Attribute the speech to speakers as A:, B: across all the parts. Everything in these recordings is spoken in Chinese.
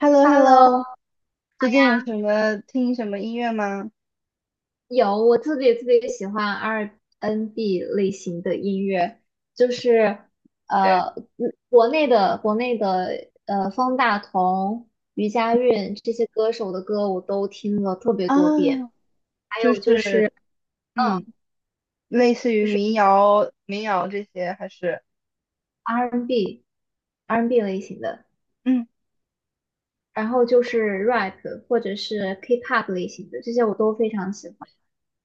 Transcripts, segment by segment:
A: h e l l o h e l l
B: Hello
A: o 最近有
B: 呀，
A: 什么听什么音乐吗？
B: 有我特别特别喜欢 R&B n 类型的音乐，就是
A: 对，
B: 国内的方大同、余佳运这些歌手的歌我都听了特别多遍，
A: 啊，
B: 还
A: 就
B: 有就是
A: 是嗯，
B: 嗯，
A: 类似于
B: 就是
A: 民谣这些，还是
B: R&B n R&B n 类型的，
A: 嗯
B: 然后就是 rap 或者是 K-pop 类型的，这些我都非常喜欢。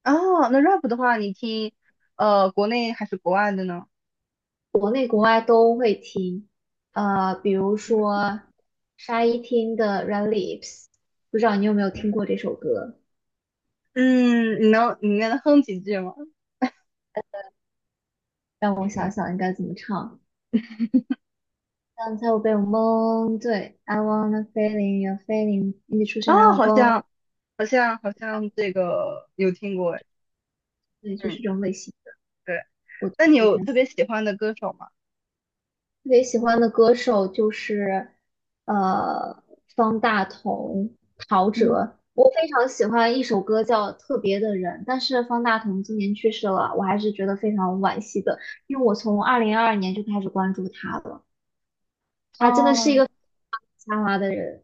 A: 哦，那 rap 的话，你听国内还是国外的呢？
B: 国内国外都会听，比如
A: 嗯，
B: 说沙一汀的《Red Lips》，不知道你有没有听过这首歌？
A: 嗯，你能哼几句吗？
B: 让我想想应该怎么唱。刚才我被我蒙，对，I wanna feeling your feeling，你的出现让
A: 啊，
B: 我
A: 好
B: 崩，
A: 像好像好像这个有听过哎，
B: 对，就是这
A: 嗯，
B: 种类型的。
A: 对，
B: 我觉
A: 那你
B: 得
A: 有
B: 这样。
A: 特别喜欢的歌手吗？
B: 特别喜欢的歌手就是呃方大同、陶喆。
A: 嗯，
B: 我非常喜欢一首歌叫《特别的人》，但是方大同今年去世了，我还是觉得非常惋惜的，因为我从2022年就开始关注他了，他真的是一
A: 哦，
B: 个才华的人。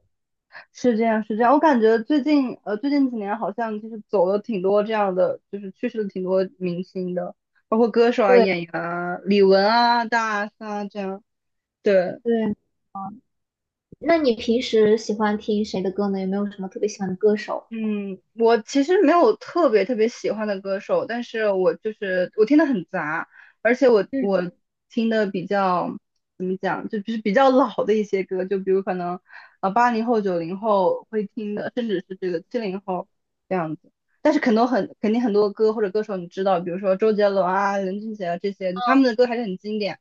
A: 是这样，是这样。我感觉最近几年好像就是走了挺多这样的，就是去世了挺多明星的，包括歌手啊、
B: 对
A: 演员啊、李玟啊、大 S 啊这样。对，
B: 对，那你平时喜欢听谁的歌呢？有没有什么特别喜欢的歌手？
A: 嗯，我其实没有特别特别喜欢的歌手，但是我就是我听的很杂，而且我
B: 嗯
A: 我听的比较怎么讲，就是比较老的一些歌，就比如可能啊八零后、九零后会听的，甚至是这个七零后这样子。但是很多很肯定很多歌或者歌手你知道，比如说周杰伦啊、林俊杰啊这些，就他们的歌还是很经典，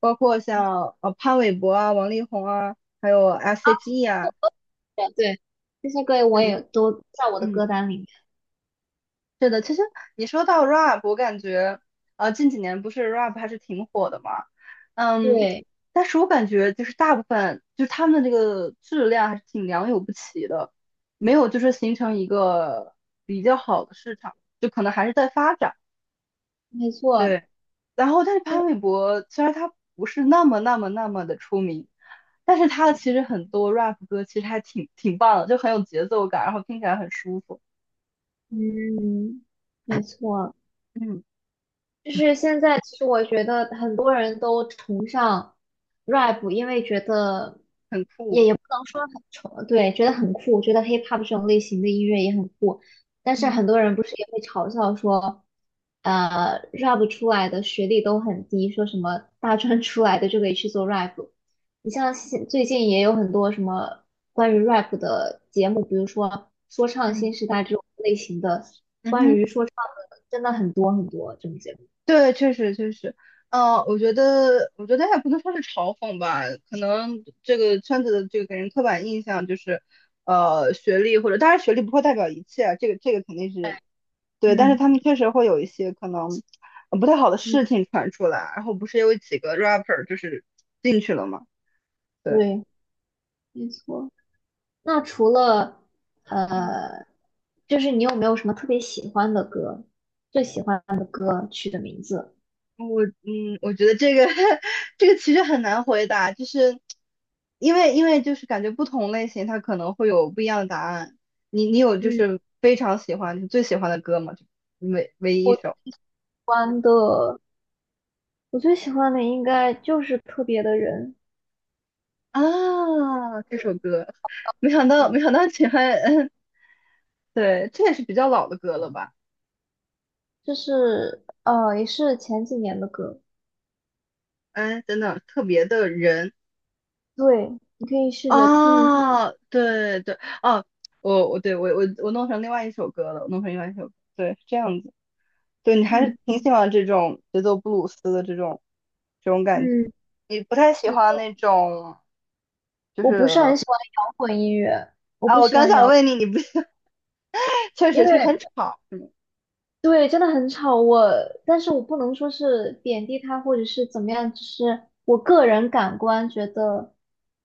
A: 包括像潘玮柏啊、王力宏啊，还有
B: 啊，
A: S.H.E 啊，
B: 对对，这些歌我也都在我的
A: 嗯
B: 歌单里面。
A: 是的，其实你说到 rap,我感觉，近几年不是 rap 还是挺火的嘛，嗯，
B: 对，
A: 但是我感觉就是大部分就是他们的这个质量还是挺良莠不齐的，没有就是形成一个比较好的市场，就可能还是在发展。
B: 没错。
A: 对，然后但是潘玮柏虽然他不是那么那么那么的出名，但是他其实很多 rap 歌其实还挺棒的，就很有节奏感，然后听起来很舒服，
B: 嗯，没错。
A: 嗯
B: 就是现在，其实我觉得很多人都崇尚 rap，因为觉得
A: 很
B: 也
A: 酷。
B: 也不能说很崇，对，觉得很酷，觉得 hip hop 这种类型的音乐也很酷。但是
A: 嗯
B: 很多人不是也会嘲笑说，rap 出来的学历都很低，说什么大专出来的就可以去做 rap。你像现最近也有很多什么关于 rap 的节目，比如说说唱新
A: 嗯。
B: 时代这种类型的，
A: 嗯
B: 关
A: 哼，
B: 于说唱的真的很多很多这种节目。
A: 对，确实确实，我觉得，也不能说是嘲讽吧，可能这个圈子的这个给人刻板印象就是，学历或者当然学历不会代表一切啊这个肯定是对，但是
B: 嗯
A: 他们确实会有一些可能不太好的
B: 嗯，
A: 事情传出来，然后不是有几个 rapper 就是进去了嘛，对，
B: 对，没错。那除了呃，就是你有没有什么特别喜欢的歌？最喜欢的歌曲的名字？
A: 我觉得这个 这个其实很难回答，就是因为就是感觉不同类型它可能会有不一样的答案。你有就
B: 嗯，
A: 是非常喜欢你最喜欢的歌吗？就唯唯一一
B: 我喜
A: 首
B: 欢的，我最喜欢的应该就是《特别的人》，
A: 啊，这首歌，没想到没
B: 嗯，
A: 想到喜欢，嗯，对，这也是比较老的歌了吧？
B: 就是也是前几年的歌。
A: 哎，等等，特别的人
B: 对，你可以试着听一下。
A: 啊，对对哦，我对我弄成另外一首歌了，我弄成另外一首歌对，是这样子。对，你还
B: 嗯，
A: 是挺喜欢这种节奏布鲁斯的这种感觉，
B: 嗯，
A: 你不太喜欢那种就
B: 我不
A: 是
B: 是很喜欢摇滚音乐，
A: 啊，我刚想问你，你不 确
B: 因
A: 实是
B: 为
A: 很吵，
B: 对，真的很吵。但是我不能说是贬低他或者是怎么样，就是我个人感官觉得，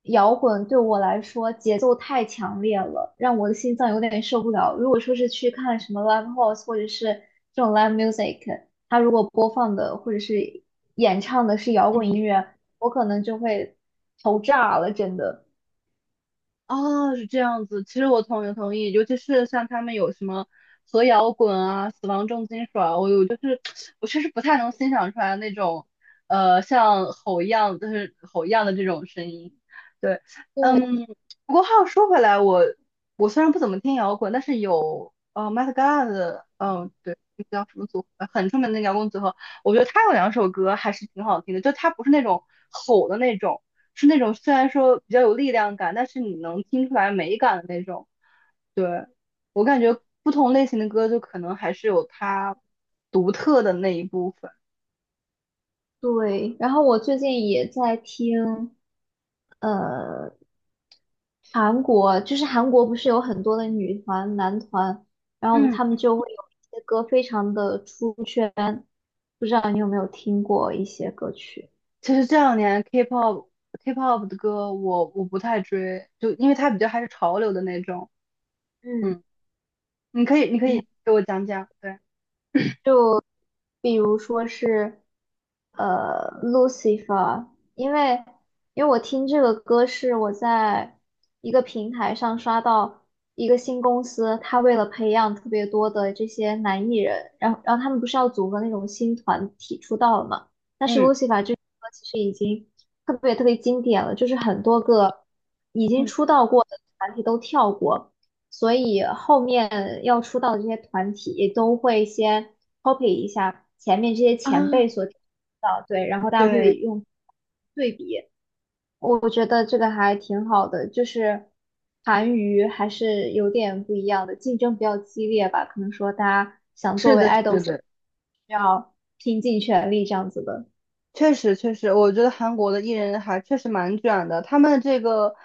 B: 摇滚对我来说节奏太强烈了，让我的心脏有点受不了。如果说是去看什么 live house 或者是这种 live music，他如果播放的或者是演唱的是摇滚
A: 嗯。
B: 音乐，我可能就会头炸了，真的。
A: 哦，是这样子。其实我同意同意，尤其是像他们有什么核摇滚啊、死亡重金属啊，我有就是 我确实不太能欣赏出来那种像吼一样，就是吼一样的这种声音。对，嗯，不过话又说回来，我虽然不怎么听摇滚，但是有Met Gala 嗯、对，那叫什么组合，很出名的那个摇滚组合，我觉得他有两首歌还是挺好听的，就他不是那种吼的那种。是那种虽然说比较有力量感，但是你能听出来美感的那种。对，我感觉不同类型的歌就可能还是有它独特的那一部分。
B: 对，然后我最近也在听，呃，韩国不是有很多的女团、男团，然后他们
A: 嗯
B: 就会有一些歌非常的出圈，不知道你有没有听过一些歌曲？
A: 其实这两年 K-pop 的歌我不太追，就因为它比较还是潮流的那种。
B: 嗯。
A: 嗯，你可以你可
B: 你。
A: 以给我讲讲，对。
B: 就比如说是Lucifer，因为因为我听这个歌是我在一个平台上刷到一个新公司，他为了培养特别多的这些男艺人，然后他们不是要组合那种新团体出道了嘛？但是
A: 嗯
B: Lucifer 这首歌其实已经特别特别经典了，就是很多个已经
A: 嗯
B: 出道过的团体都跳过。所以后面要出道的这些团体都会先 copy 一下前面这些前辈
A: 啊，
B: 所提到，对，然后大家会
A: 对，
B: 用对比，我觉得这个还挺好的，就是韩娱还是有点不一样的，竞争比较激烈吧，可能说大家想作
A: 是
B: 为
A: 的，
B: idol
A: 是
B: 需
A: 的，
B: 要拼尽全力这样子的，
A: 确实，确实，我觉得韩国的艺人还确实蛮卷的。他们这个，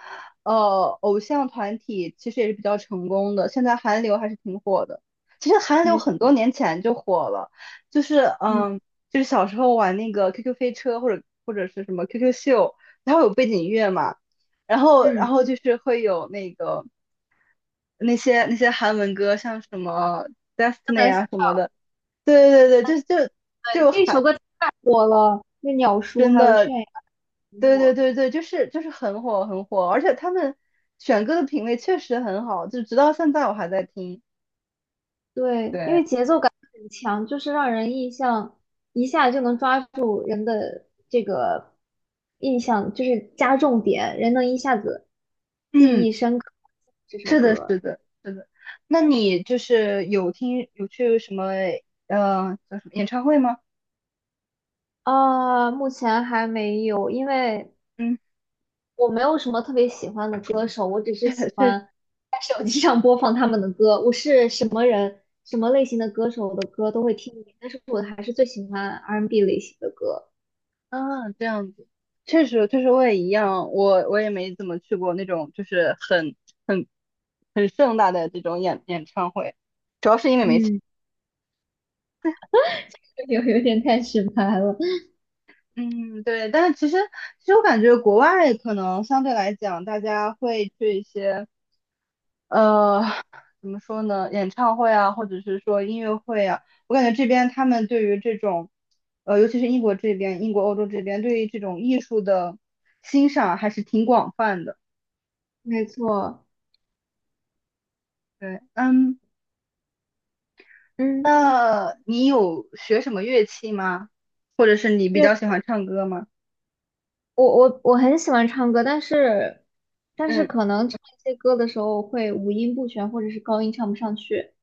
A: 偶像团体其实也是比较成功的。现在韩流还是挺火的。其实韩流
B: 没错，
A: 很多年前就火了，就是
B: 嗯
A: 嗯，就是小时候玩那个 QQ 飞车或者是什么 QQ 秀，它会有背景音乐嘛，然后然
B: 嗯，
A: 后就是会有那些韩文歌，像什么
B: 那
A: Destiny
B: 么
A: 啊什么的。对对对，就就
B: 对，
A: 就
B: 这首
A: 还
B: 歌太火了，那鸟叔
A: 真
B: 还有泫
A: 的
B: 雅。
A: 对对对对，就是很火很火，而且他们选歌的品味确实很好，就直到现在我还在听。
B: 对，因
A: 对，
B: 为节奏感很强，就是让人印象一下就能抓住人的这个印象，就是加重点，人能一下子记
A: 嗯，
B: 忆深刻这首
A: 是的，是
B: 歌。
A: 的，是的。那你就是有听有去什么叫什么演唱会吗？
B: 啊，目前还没有，因为
A: 嗯，
B: 我没有什么特别喜欢的歌手，我只是喜
A: 确确实
B: 欢在手机上播放他们的歌。我是什么人，什么类型的歌手的歌都会听一点，但是我还是最喜欢 R&B n 类型的歌。
A: 啊，这样子，确实确实我也一样，我也没怎么去过那种就是很很很盛大的这种演唱会，主要是因为没
B: 嗯，有点太直白了。
A: 嗯，对，但是其实我感觉国外可能相对来讲，大家会去一些呃怎么说呢，演唱会啊，或者是说音乐会啊，我感觉这边他们对于这种尤其是英国这边，英国欧洲这边对于这种艺术的欣赏还是挺广泛的。
B: 没错，
A: 对，嗯，
B: 嗯，
A: 那你有学什么乐器吗？或者是你比
B: 因为
A: 较喜欢唱歌吗？
B: 我很喜欢唱歌，但是
A: 嗯，
B: 可能唱一些歌的时候会五音不全，或者是高音唱不上去。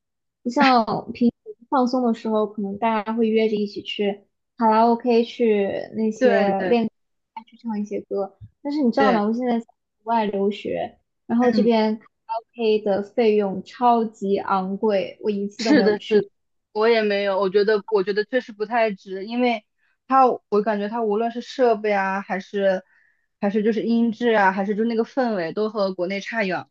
B: 不像平时放松的时候，可能大家会约着一起去卡拉 OK 去那
A: 对
B: 些
A: 对
B: 练去唱一些歌。但是你知道吗？
A: 对，
B: 我现在在国外留学，然后这
A: 嗯。
B: 边卡拉 OK 的费用超级昂贵，我一次都没
A: 是
B: 有
A: 的，是的，
B: 去。
A: 我也没有，我觉得，确实不太值，因为它，我感觉它无论是设备啊，还是就是音质啊，还是就那个氛围，都和国内差远了。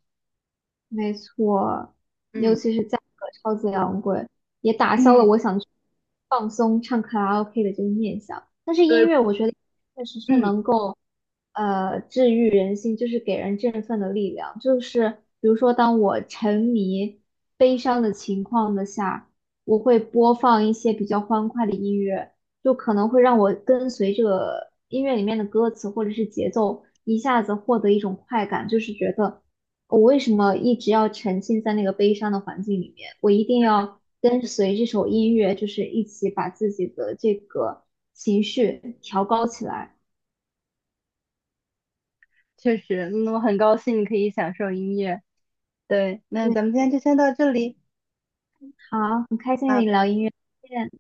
B: 没错，尤
A: 嗯
B: 其是价格超级昂贵，也打消了
A: 嗯
B: 我想去放松唱卡拉 OK 的这个念想。但是音
A: 对，
B: 乐，我觉得确实是
A: 嗯，
B: 能够治愈人心，就是给人振奋的力量。就是比如说，当我沉迷悲伤的情况的下，我会播放一些比较欢快的音乐，就可能会让我跟随着音乐里面的歌词或者是节奏，一下子获得一种快感，就是觉得。我为什么一直要沉浸在那个悲伤的环境里面？我一定要跟随这首音乐，就是一起把自己的这个情绪调高起来。
A: 确实，那我很高兴你可以享受音乐。对，那
B: 对，
A: 咱们今天就先到这里
B: 好，很开心和
A: 啊。
B: 你聊音乐，再见。